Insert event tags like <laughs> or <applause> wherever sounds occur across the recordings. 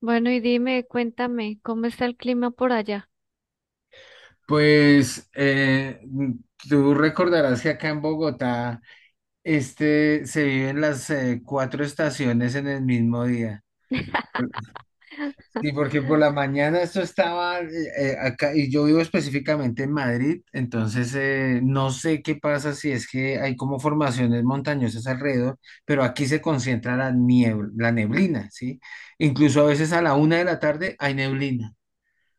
Bueno, y dime, cuéntame, ¿cómo está el clima por allá? Pues tú recordarás que acá en Bogotá este, se viven las cuatro estaciones en el mismo día. Sí, porque por la mañana esto estaba acá, y yo vivo específicamente en Madrid. Entonces no sé qué pasa, si es que hay como formaciones montañosas alrededor, pero aquí se concentra la niebla, la neblina, ¿sí? Incluso a veces a la 1 de la tarde hay neblina.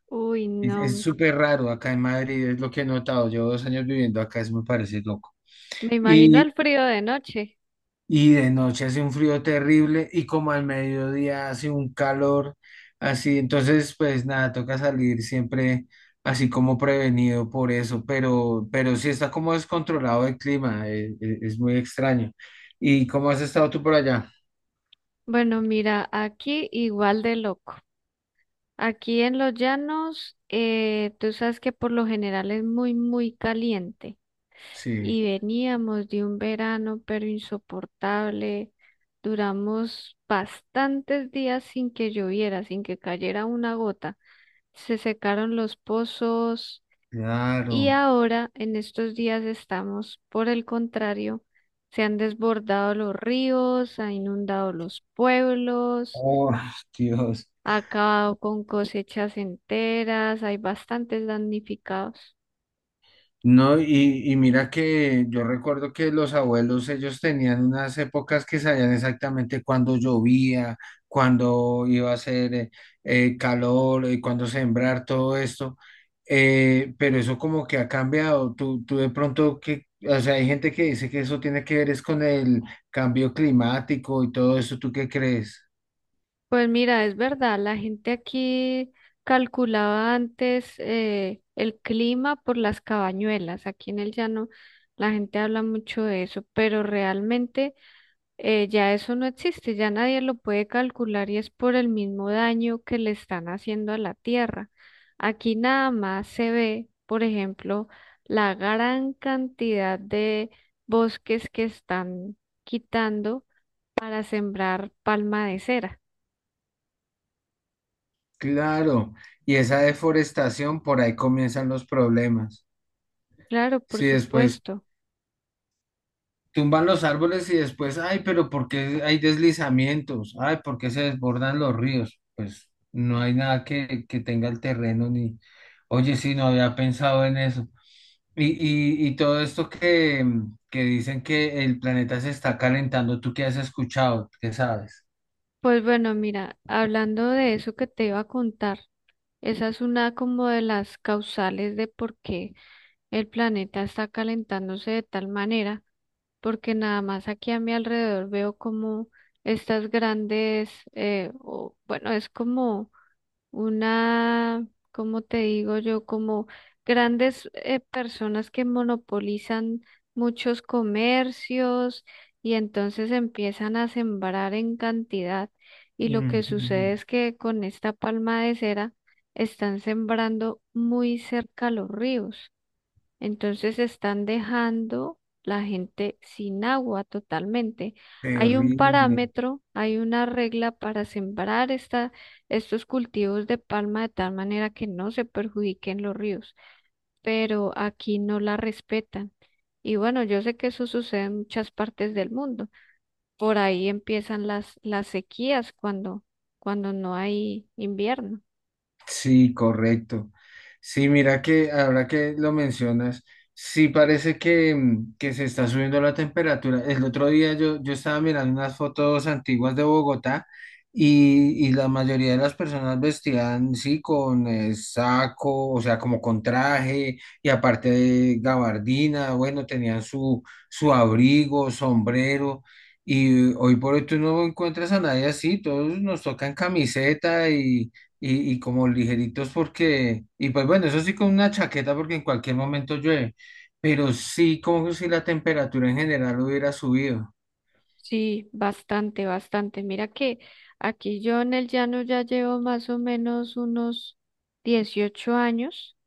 Uy, Es no, súper raro acá en Madrid, es lo que he notado. Llevo 2 años viviendo acá, eso me parece loco. me imagino Y, el frío de noche. y de noche hace un frío terrible y como al mediodía hace un calor así. Entonces, pues nada, toca salir siempre así como prevenido por eso, pero sí está como descontrolado el clima, es muy extraño. ¿Y cómo has estado tú por allá? Bueno, mira, aquí igual de loco. Aquí en los llanos, tú sabes que por lo general es muy caliente. Sí, Y veníamos de un verano, pero insoportable. Duramos bastantes días sin que lloviera, sin que cayera una gota. Se secaron los pozos. Y claro. ahora, en estos días estamos, por el contrario, se han desbordado los ríos, ha inundado los pueblos, Oh, Dios. ha acabado con cosechas enteras, hay bastantes damnificados. No, y mira que yo recuerdo que los abuelos, ellos tenían unas épocas que sabían exactamente cuándo llovía, cuándo iba a hacer calor, cuándo sembrar, todo esto. Pero eso como que ha cambiado. Tú de pronto que, o sea, hay gente que dice que eso tiene que ver es con el cambio climático y todo eso. ¿Tú qué crees? Pues mira, es verdad, la gente aquí calculaba antes el clima por las cabañuelas. Aquí en el llano la gente habla mucho de eso, pero realmente ya eso no existe, ya nadie lo puede calcular y es por el mismo daño que le están haciendo a la tierra. Aquí nada más se ve, por ejemplo, la gran cantidad de bosques que están quitando para sembrar palma de cera. Claro, y esa deforestación, por ahí comienzan los problemas. Claro, por Sí, después supuesto. tumban los árboles y después, ay, pero ¿por qué hay deslizamientos? Ay, ¿por qué se desbordan los ríos? Pues no hay nada que, que tenga el terreno ni, oye, sí, no había pensado en eso. Y, y todo esto que dicen que el planeta se está calentando, ¿tú qué has escuchado? ¿Qué sabes? Pues bueno, mira, hablando de eso que te iba a contar, esa es una como de las causales de por qué el planeta está calentándose de tal manera, porque nada más aquí a mi alrededor veo como estas grandes, bueno, es como una, ¿cómo te digo yo? Como grandes personas que monopolizan muchos comercios y entonces empiezan a sembrar en cantidad. Y lo que Ujú. sucede es que con esta palma de cera están sembrando muy cerca a los ríos. Entonces están dejando la gente sin agua totalmente. Hay un Terrible. parámetro, hay una regla para sembrar esta, estos cultivos de palma de tal manera que no se perjudiquen los ríos, pero aquí no la respetan. Y bueno, yo sé que eso sucede en muchas partes del mundo. Por ahí empiezan las sequías cuando, cuando no hay invierno. Sí, correcto. Sí, mira que ahora que lo mencionas, sí parece que, mm, que se está subiendo la temperatura. El otro día yo estaba mirando unas fotos antiguas de Bogotá y la mayoría de las personas vestían, sí, con saco, o sea, como con traje y aparte de gabardina. Bueno, tenían su, su abrigo, sombrero. Y hoy por hoy tú no encuentras a nadie así, todos nos tocan camiseta y como ligeritos porque, y pues bueno, eso sí con una chaqueta porque en cualquier momento llueve, pero sí como si la temperatura en general hubiera subido. Sí, bastante, bastante. Mira que aquí yo en el llano ya llevo más o menos unos 18 años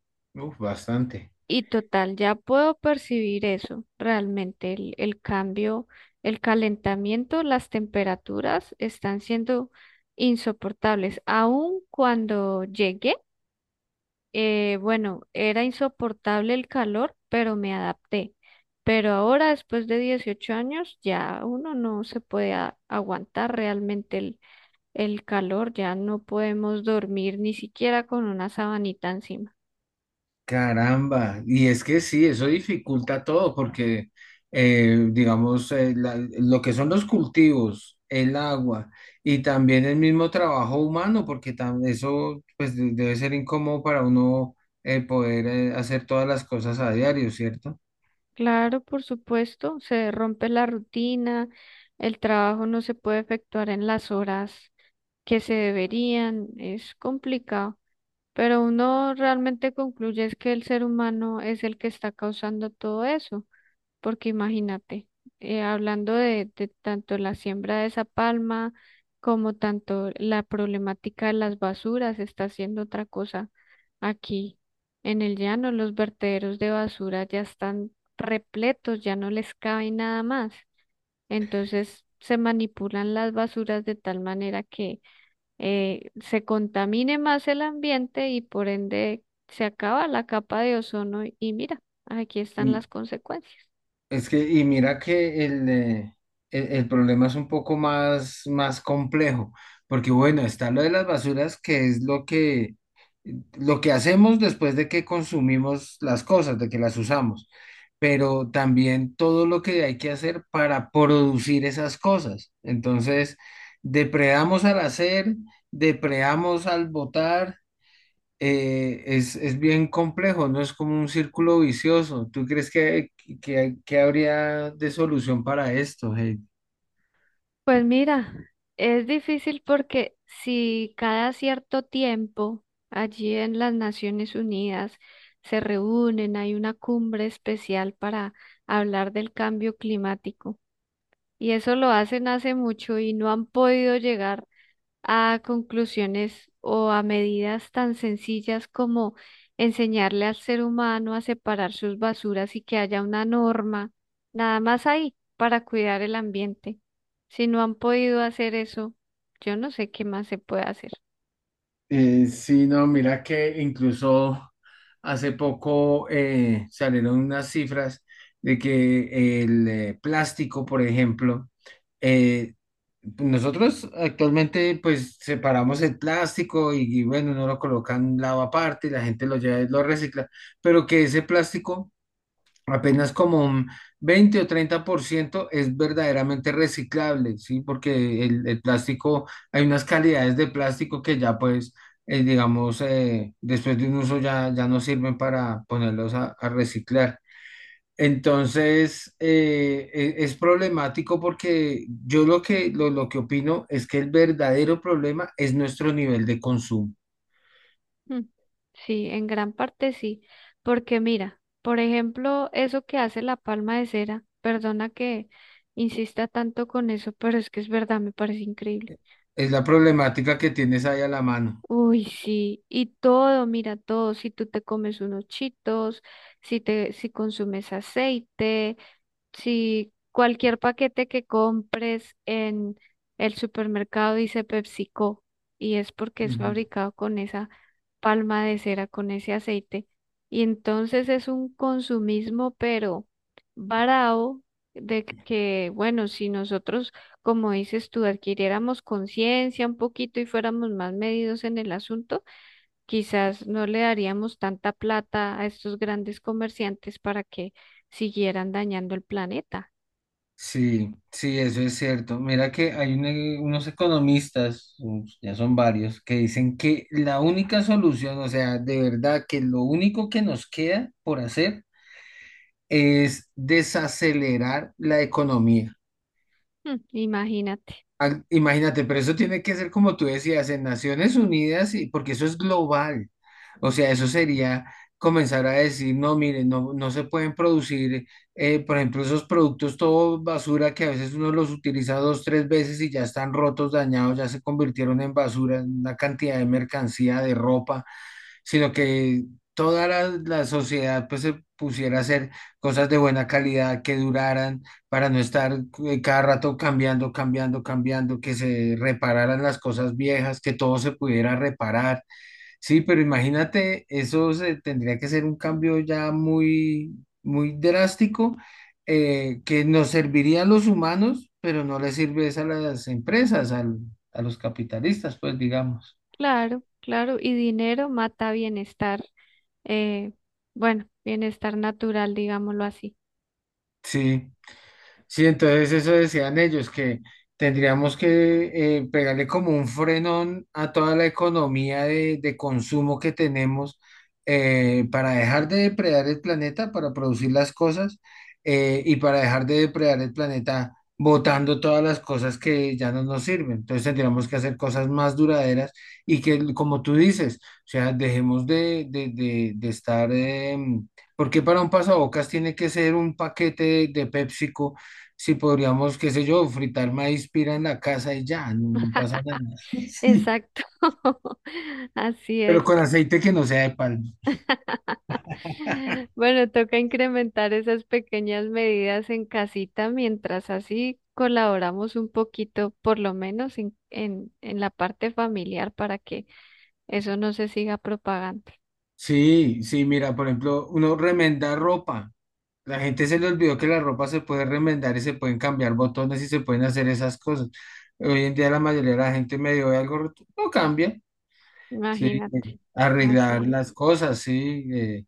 Uf, bastante. y total, ya puedo percibir eso, realmente el cambio, el calentamiento, las temperaturas están siendo insoportables. Aun cuando llegué bueno, era insoportable el calor, pero me adapté. Pero ahora, después de 18 años, ya uno no se puede aguantar realmente el calor, ya no podemos dormir ni siquiera con una sabanita encima. Caramba, y es que sí, eso dificulta todo porque, digamos, lo que son los cultivos, el agua y también el mismo trabajo humano, porque eso pues debe ser incómodo para uno poder hacer todas las cosas a diario, ¿cierto? Claro, por supuesto, se rompe la rutina, el trabajo no se puede efectuar en las horas que se deberían, es complicado. Pero uno realmente concluye es que el ser humano es el que está causando todo eso, porque imagínate, hablando de tanto la siembra de esa palma como tanto la problemática de las basuras, está haciendo otra cosa aquí en el llano, los vertederos de basura ya están repletos, ya no les cabe nada más. Entonces se manipulan las basuras de tal manera que se contamine más el ambiente y por ende se acaba la capa de ozono y mira, aquí están las consecuencias. Es que, y mira que el problema es un poco más, más complejo, porque bueno, está lo de las basuras, que es lo que hacemos después de que consumimos las cosas, de que las usamos, pero también todo lo que hay que hacer para producir esas cosas. Entonces, depredamos al hacer, depredamos al botar, es bien complejo, no es como un círculo vicioso. ¿Tú crees que habría de solución para esto, Heidi? Pues mira, es difícil porque si cada cierto tiempo allí en las Naciones Unidas se reúnen, hay una cumbre especial para hablar del cambio climático y eso lo hacen hace mucho y no han podido llegar a conclusiones o a medidas tan sencillas como enseñarle al ser humano a separar sus basuras y que haya una norma, nada más ahí, para cuidar el ambiente. Si no han podido hacer eso, yo no sé qué más se puede hacer. Sí, no, mira que incluso hace poco salieron unas cifras de que el plástico, por ejemplo, eh, nosotros actualmente pues separamos el plástico y, bueno, uno lo coloca en un lado aparte y la gente lo lleva y lo recicla, pero que ese plástico apenas como un 20 o 30% es verdaderamente reciclable, ¿sí? Porque el plástico, hay unas calidades de plástico que ya pues, digamos, después de un uso ya no sirven para ponerlos a reciclar. Entonces, es problemático porque yo lo que opino es que el verdadero problema es nuestro nivel de consumo. Mm, sí, en gran parte sí, porque mira, por ejemplo, eso que hace la palma de cera, perdona que insista tanto con eso, pero es que es verdad, me parece increíble. Es la problemática que tienes ahí a la mano. Uy, sí, y todo, mira todo, si tú te comes unos chitos, si te, si consumes aceite, si cualquier paquete que compres en el supermercado dice PepsiCo y es porque es fabricado con esa palma de cera, con ese aceite, y entonces es un consumismo, pero varao, de que, bueno, si nosotros, como dices tú, adquiriéramos conciencia un poquito y fuéramos más medidos en el asunto, quizás no le daríamos tanta plata a estos grandes comerciantes para que siguieran dañando el planeta. Sí, sí, eso es cierto. Mira que hay unos economistas, ya son varios, que dicen que la única solución, o sea, de verdad que lo único que nos queda por hacer es desacelerar la economía. Mm, imagínate. Ah, imagínate, pero eso tiene que ser como tú decías, en Naciones Unidas, y porque eso es global. O sea, eso sería comenzar a decir, no, miren, no, no se pueden producir, por ejemplo, esos productos todo basura que a veces uno los utiliza dos, tres veces y ya están rotos, dañados, ya se convirtieron en basura, en una cantidad de mercancía, de ropa, sino que toda la sociedad pues se pusiera a hacer cosas de buena calidad que duraran para no estar cada rato cambiando, cambiando, cambiando, que se repararan las cosas viejas, que todo se pudiera reparar. Sí, pero imagínate, eso tendría que ser un cambio ya muy, muy drástico, que nos serviría a los humanos, pero no les sirve es a las empresas, a los capitalistas, pues digamos. Claro, claro. Y dinero mata bienestar, eh, bueno, bienestar natural, digámoslo así. Sí. Sí, entonces eso decían ellos, que tendríamos que pegarle como un frenón a toda la economía de consumo que tenemos para dejar de depredar el planeta, para producir las cosas y para dejar de depredar el planeta botando todas las cosas que ya no nos sirven. Entonces tendríamos que hacer cosas más duraderas y que, como tú dices, o sea, dejemos de estar... ¿por para un pasabocas tiene que ser un paquete de PepsiCo? Si podríamos, qué sé yo, fritar maíz pira en la casa y ya, no pasa nada. <laughs> Sí. Exacto. <laughs> Así Pero es. con aceite que no sea de palma. Bueno, toca incrementar esas pequeñas medidas en casita mientras así colaboramos un poquito, por lo menos en la parte familiar, para que eso no se siga propagando. Sí, sí, mira, por ejemplo, uno remenda ropa. La gente se le olvidó que la ropa se puede remendar y se pueden cambiar botones y se pueden hacer esas cosas. Hoy en día la mayoría de la gente medio ve algo roto, no cambia. Sí, eh, Imagínate. arreglar Así. las cosas, sí.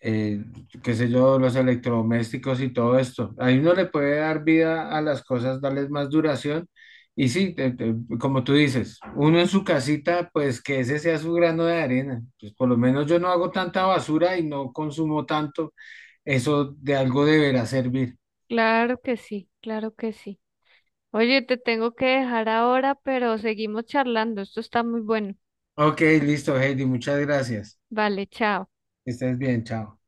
eh, Qué sé yo, los electrodomésticos y todo esto. Ahí uno le puede dar vida a las cosas, darles más duración. Y sí, como tú dices, uno en su casita, pues que ese sea su grano de arena. Pues por lo menos yo no hago tanta basura y no consumo tanto. Eso de algo deberá servir. Claro que sí, claro que sí. Oye, te tengo que dejar ahora, pero seguimos charlando. Esto está muy bueno. Ok, listo, Heidi, muchas gracias. Vale, chao. Que estés bien, chao.